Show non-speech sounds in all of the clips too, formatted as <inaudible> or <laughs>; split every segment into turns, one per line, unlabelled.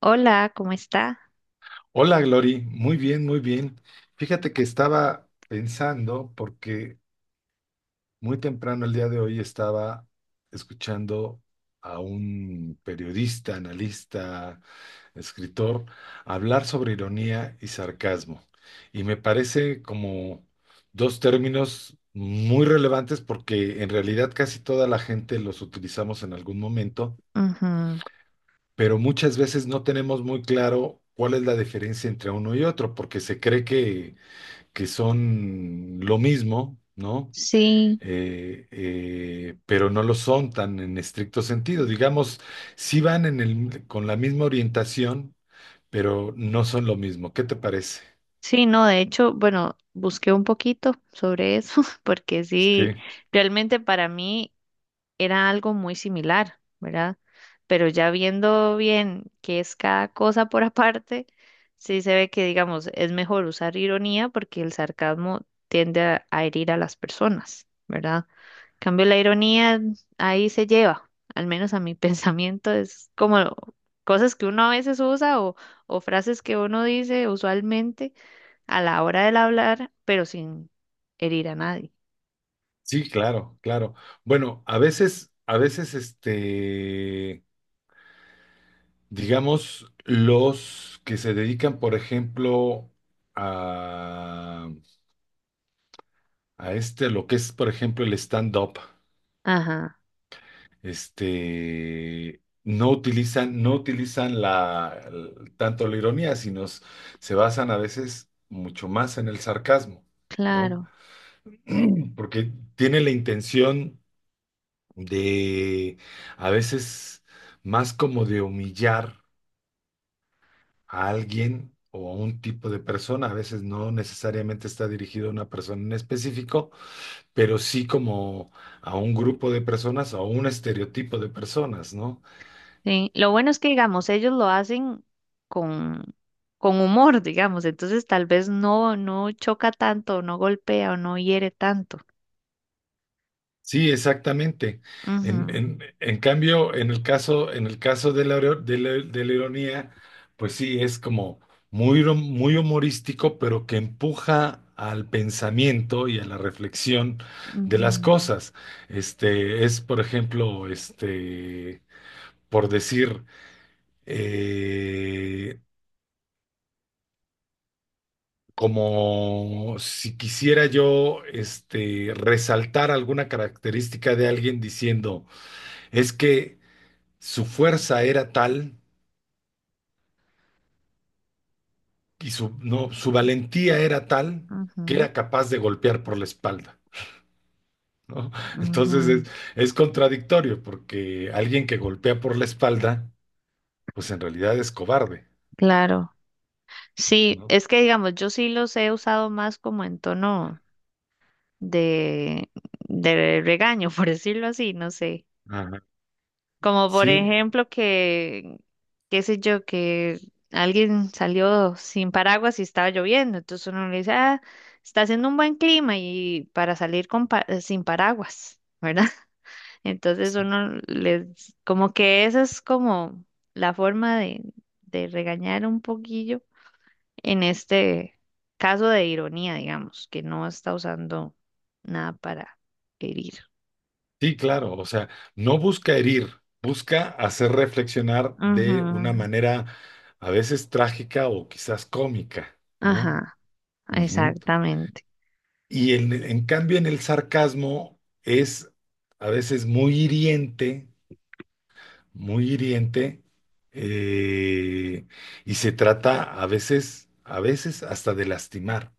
Hola, ¿cómo está?
Hola, Glory. Muy bien, muy bien. Fíjate que estaba pensando, porque muy temprano el día de hoy estaba escuchando a un periodista, analista, escritor, hablar sobre ironía y sarcasmo. Y me parece como dos términos muy relevantes porque en realidad casi toda la gente los utilizamos en algún momento,
Ujú.
pero muchas veces no tenemos muy claro cuál es la diferencia entre uno y otro, porque se cree que son lo mismo, ¿no?
Sí,
Pero no lo son tan en estricto sentido. Digamos, sí van en el, con la misma orientación, pero no son lo mismo. ¿Qué te parece?
sí, no, de hecho, bueno, busqué un poquito sobre eso, <laughs> porque sí,
Sí,
realmente para mí era algo muy similar, ¿verdad? Pero ya viendo bien qué es cada cosa por <laughs> aparte, sí se ve que, digamos, es mejor usar ironía porque el sarcasmo tiende a herir a las personas, ¿verdad? En cambio, la ironía ahí se lleva, al menos a mi <laughs> pensamiento, es como cosas que uno a veces usa o frases que uno dice usualmente a la hora del hablar, pero sin herir a nadie.
sí, claro, claro. Bueno, a veces, digamos, los que se dedican, por ejemplo, a, a este, a lo que es, por ejemplo, el stand-up.
Ajá,
No utilizan la, tanto la ironía, sino se basan a veces mucho más en el sarcasmo, ¿no?
claro.
<clears throat> Porque tiene la intención de, a veces, más como de humillar a alguien o a un tipo de persona, a veces no necesariamente está dirigido a una persona en específico, pero sí como a un grupo de personas o a un estereotipo de personas, ¿no?
Sí, lo bueno es que, digamos, ellos lo hacen con, con humor, digamos, entonces tal vez no, no choca tanto, no golpea o no hiere tanto.
Sí, exactamente.
Ujú,
En cambio, en el caso de la, de la ironía, pues sí, es como muy, muy humorístico, pero que empuja al pensamiento y a la reflexión de las
ujú,
cosas. Es, por ejemplo, por decir, eh, como si quisiera yo resaltar alguna característica de alguien diciendo, es que su fuerza era tal y su, no, su valentía era tal que
ujú,
era capaz de golpear por la espalda, ¿no? <laughs> Entonces
ujú.
es contradictorio porque alguien que golpea por la espalda, pues en realidad es cobarde,
Claro. Sí,
¿no?
es que, digamos, yo sí los he usado más como en tono de, de regaño, <laughs> por decirlo así, no sé.
Ajá.
Como por
Sí,
ejemplo que, qué sé yo, que alguien salió sin paraguas y estaba lloviendo, entonces uno le dice, ah, está haciendo un buen clima y para salir con sin paraguas, ¿verdad? <laughs> Entonces uno les, como que esa es como la forma de regañar un poquillo en este caso de ironía, digamos, que no está usando nada para herir.
sí, claro, o sea, no busca herir, busca hacer reflexionar
Ujú,
de una manera a veces trágica o quizás cómica, ¿no?
ajá,
Ujú.
exactamente.
Y en cambio en el sarcasmo es a veces muy hiriente, eh, y se trata a veces hasta de lastimar,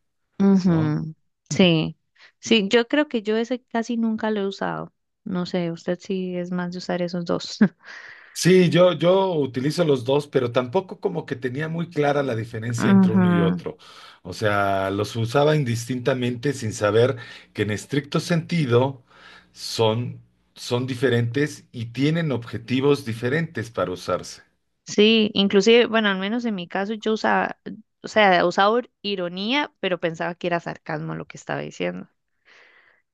¿no?
Ujú, sí, sí, yo creo que yo ese casi nunca lo he usado. No sé, usted sí es más de usar esos dos. <laughs>
Sí, yo utilizo los dos, pero tampoco como que tenía muy clara la diferencia entre uno y
Ujú,
otro. O sea, los usaba indistintamente sin saber que en estricto sentido son, son diferentes y tienen objetivos diferentes para usarse.
sí, inclusive, bueno, al menos en mi caso yo usaba, o sea, usaba ironía, pero pensaba que era sarcasmo lo que estaba diciendo.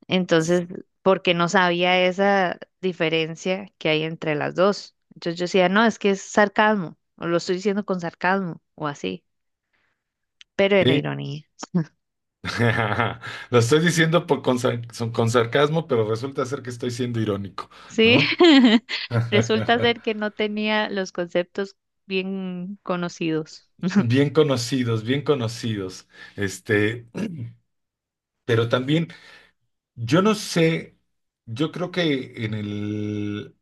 Entonces, porque no sabía esa diferencia que hay entre las dos. Entonces yo decía, no, es que es sarcasmo, o lo estoy diciendo con sarcasmo, o así, pero era
Sí,
ironía.
<laughs> lo estoy diciendo por, con con sarcasmo, pero resulta ser que estoy siendo irónico,
Sí,
¿no?
<laughs> resulta
<laughs>
ser que no tenía los conceptos bien conocidos.
Bien conocidos, bien conocidos. Este, pero también yo no sé, yo creo que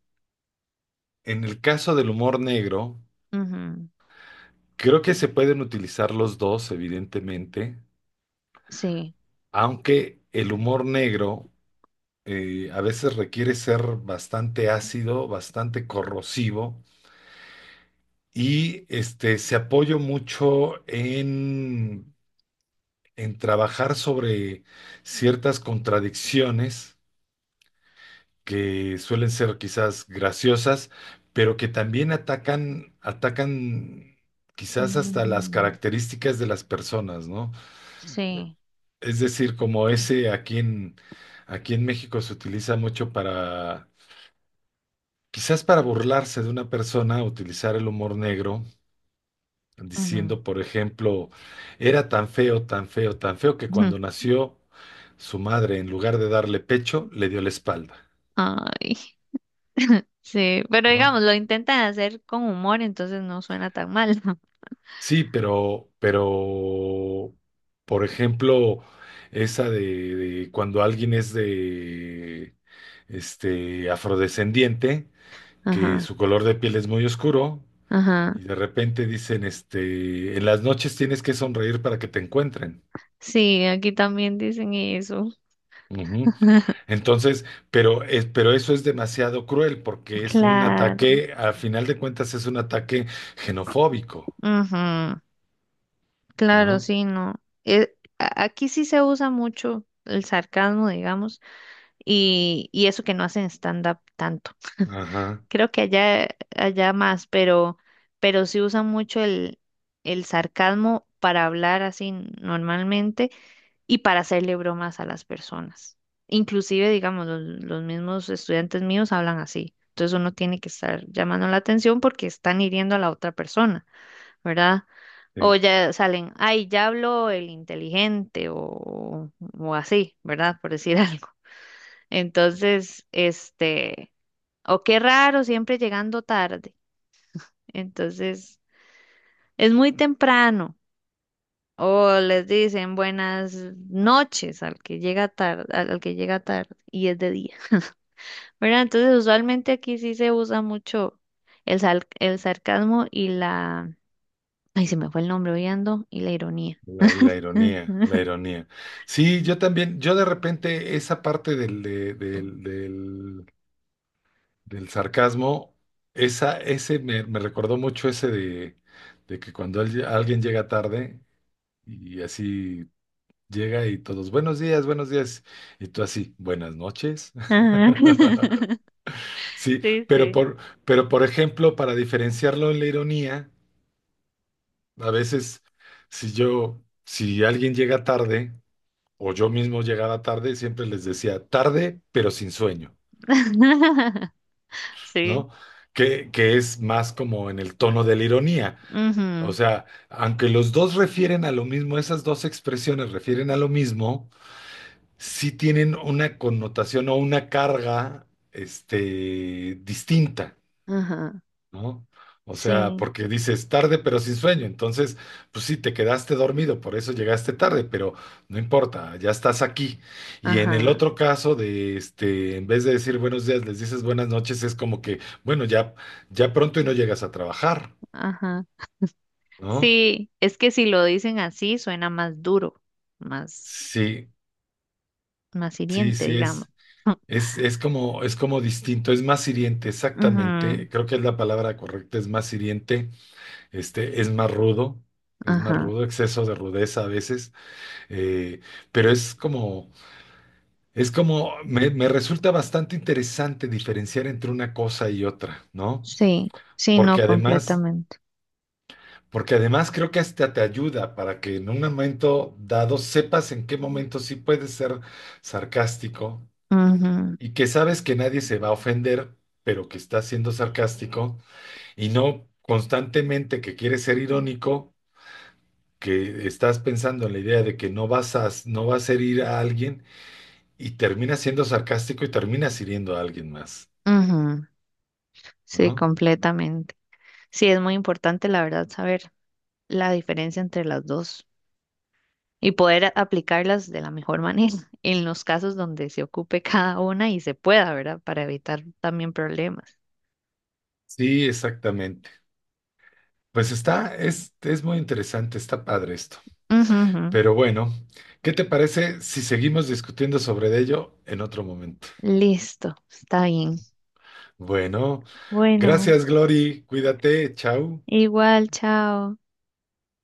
en el caso del humor negro,
Ujú,
creo que se pueden utilizar los dos, evidentemente,
sí.
aunque el humor negro a veces requiere ser bastante ácido, bastante corrosivo, y se apoya mucho en trabajar sobre ciertas contradicciones que suelen ser quizás graciosas, pero que también atacan, atacan quizás hasta las
Ujú,
características de las personas, ¿no?
sí.
Es decir, como ese aquí en México se utiliza mucho para, quizás para burlarse de una persona, utilizar el humor negro,
Ujú,
diciendo, por ejemplo, era tan feo, tan feo, tan feo que
ujú.
cuando
<laughs>
nació su madre, en lugar de darle pecho, le dio la espalda.
Ay, sí, pero
¿No?
digamos, lo intentan hacer con humor, entonces no suena tan mal. <laughs>
Sí, pero, por ejemplo, esa de cuando alguien es de, afrodescendiente, que
Ajá,
su color de piel es muy oscuro,
ajá.
y de repente dicen, en las noches tienes que sonreír para que te encuentren.
Sí, aquí también dicen eso.
Ujú. Entonces, pero eso es demasiado cruel porque es un
Claro.
ataque, al final de cuentas es un ataque xenofóbico,
Ujú, claro,
¿no?
sí, no. A- aquí sí se usa mucho el sarcasmo, digamos. Y, y eso que no hacen stand-up tanto. <laughs>
Ajá.
Creo que allá, allá más, pero sí usan mucho el sarcasmo para hablar así normalmente y para hacerle bromas a las personas. Inclusive, digamos, los mismos estudiantes míos hablan así. Entonces uno tiene que estar llamando la atención porque están hiriendo a la otra persona, ¿verdad? O ya salen, ay, ya habló el inteligente o así, ¿verdad? Por decir <laughs> algo. Entonces, este, o qué raro, siempre llegando tarde. Entonces, es muy temprano. O les dicen buenas noches al que llega tarde, al que llega tarde y es de día. <laughs> ¿Verdad? Entonces, usualmente aquí sí se usa mucho el sarcasmo y la, ay, se me fue el nombre, hoy ando, y la ironía.
La ironía, la
<laughs>
ironía. Sí, yo también, yo de repente esa parte del, del sarcasmo, esa, ese me, me recordó mucho ese de que cuando alguien llega tarde y así llega y todos, buenos días, y tú así, buenas noches.
Ajá.
<laughs>
<laughs>
Sí,
Sí,
pero
sí.
por, pero por ejemplo, para diferenciarlo en la ironía, a veces si yo, si alguien llega tarde, o yo mismo llegaba tarde, siempre les decía tarde, pero sin sueño,
<laughs> Sí.
¿no? Que es más como en el tono de la ironía. O
Ujú.
sea, aunque los dos refieren a lo mismo, esas dos expresiones refieren a lo mismo, sí tienen una connotación o una carga, distinta.
Ajá.
¿No? O sea,
Sí.
porque dices tarde pero sin sueño, entonces, pues sí, te quedaste dormido, por eso llegaste tarde, pero no importa, ya estás aquí. Y en el
Ajá.
otro caso de, en vez de decir buenos días, les dices buenas noches, es como que, bueno, ya, ya pronto y no llegas a trabajar,
Ajá.
¿no?
Sí, es que si lo dicen así suena más duro, más,
Sí,
más
sí,
hiriente,
sí,
digamos.
es como distinto, es más hiriente,
<laughs> Ujú,
exactamente, creo que es la palabra correcta, es más hiriente, este, es más rudo, es más
ajá.
rudo, exceso de rudeza a veces. Eh, pero es como, me resulta bastante interesante diferenciar entre una cosa y otra, ¿no?
Sí, sí,
Porque
no,
además,
completamente.
porque además creo que hasta te ayuda para que en un momento dado sepas en qué momento sí puedes ser sarcástico y que sabes que nadie se va a ofender, pero que estás siendo sarcástico y no constantemente que quieres ser irónico, que estás pensando en la idea de que no vas a, no vas a herir a alguien, y terminas siendo sarcástico y terminas hiriendo a alguien más,
Ujú, ujú, sí,
¿no?
completamente. Sí, es muy importante, la verdad, saber la diferencia entre las dos y poder aplicarlas de la mejor <laughs> manera en los casos donde se ocupe cada una y se pueda, ¿verdad? Para evitar también problemas.
Sí, exactamente. Pues está, es muy interesante, está padre esto.
Ujú, ujú.
Pero bueno, ¿qué te parece si seguimos discutiendo sobre ello en otro momento?
Listo, está bien.
Bueno,
Bueno.
gracias, Glory, cuídate, chao.
Igual, chao.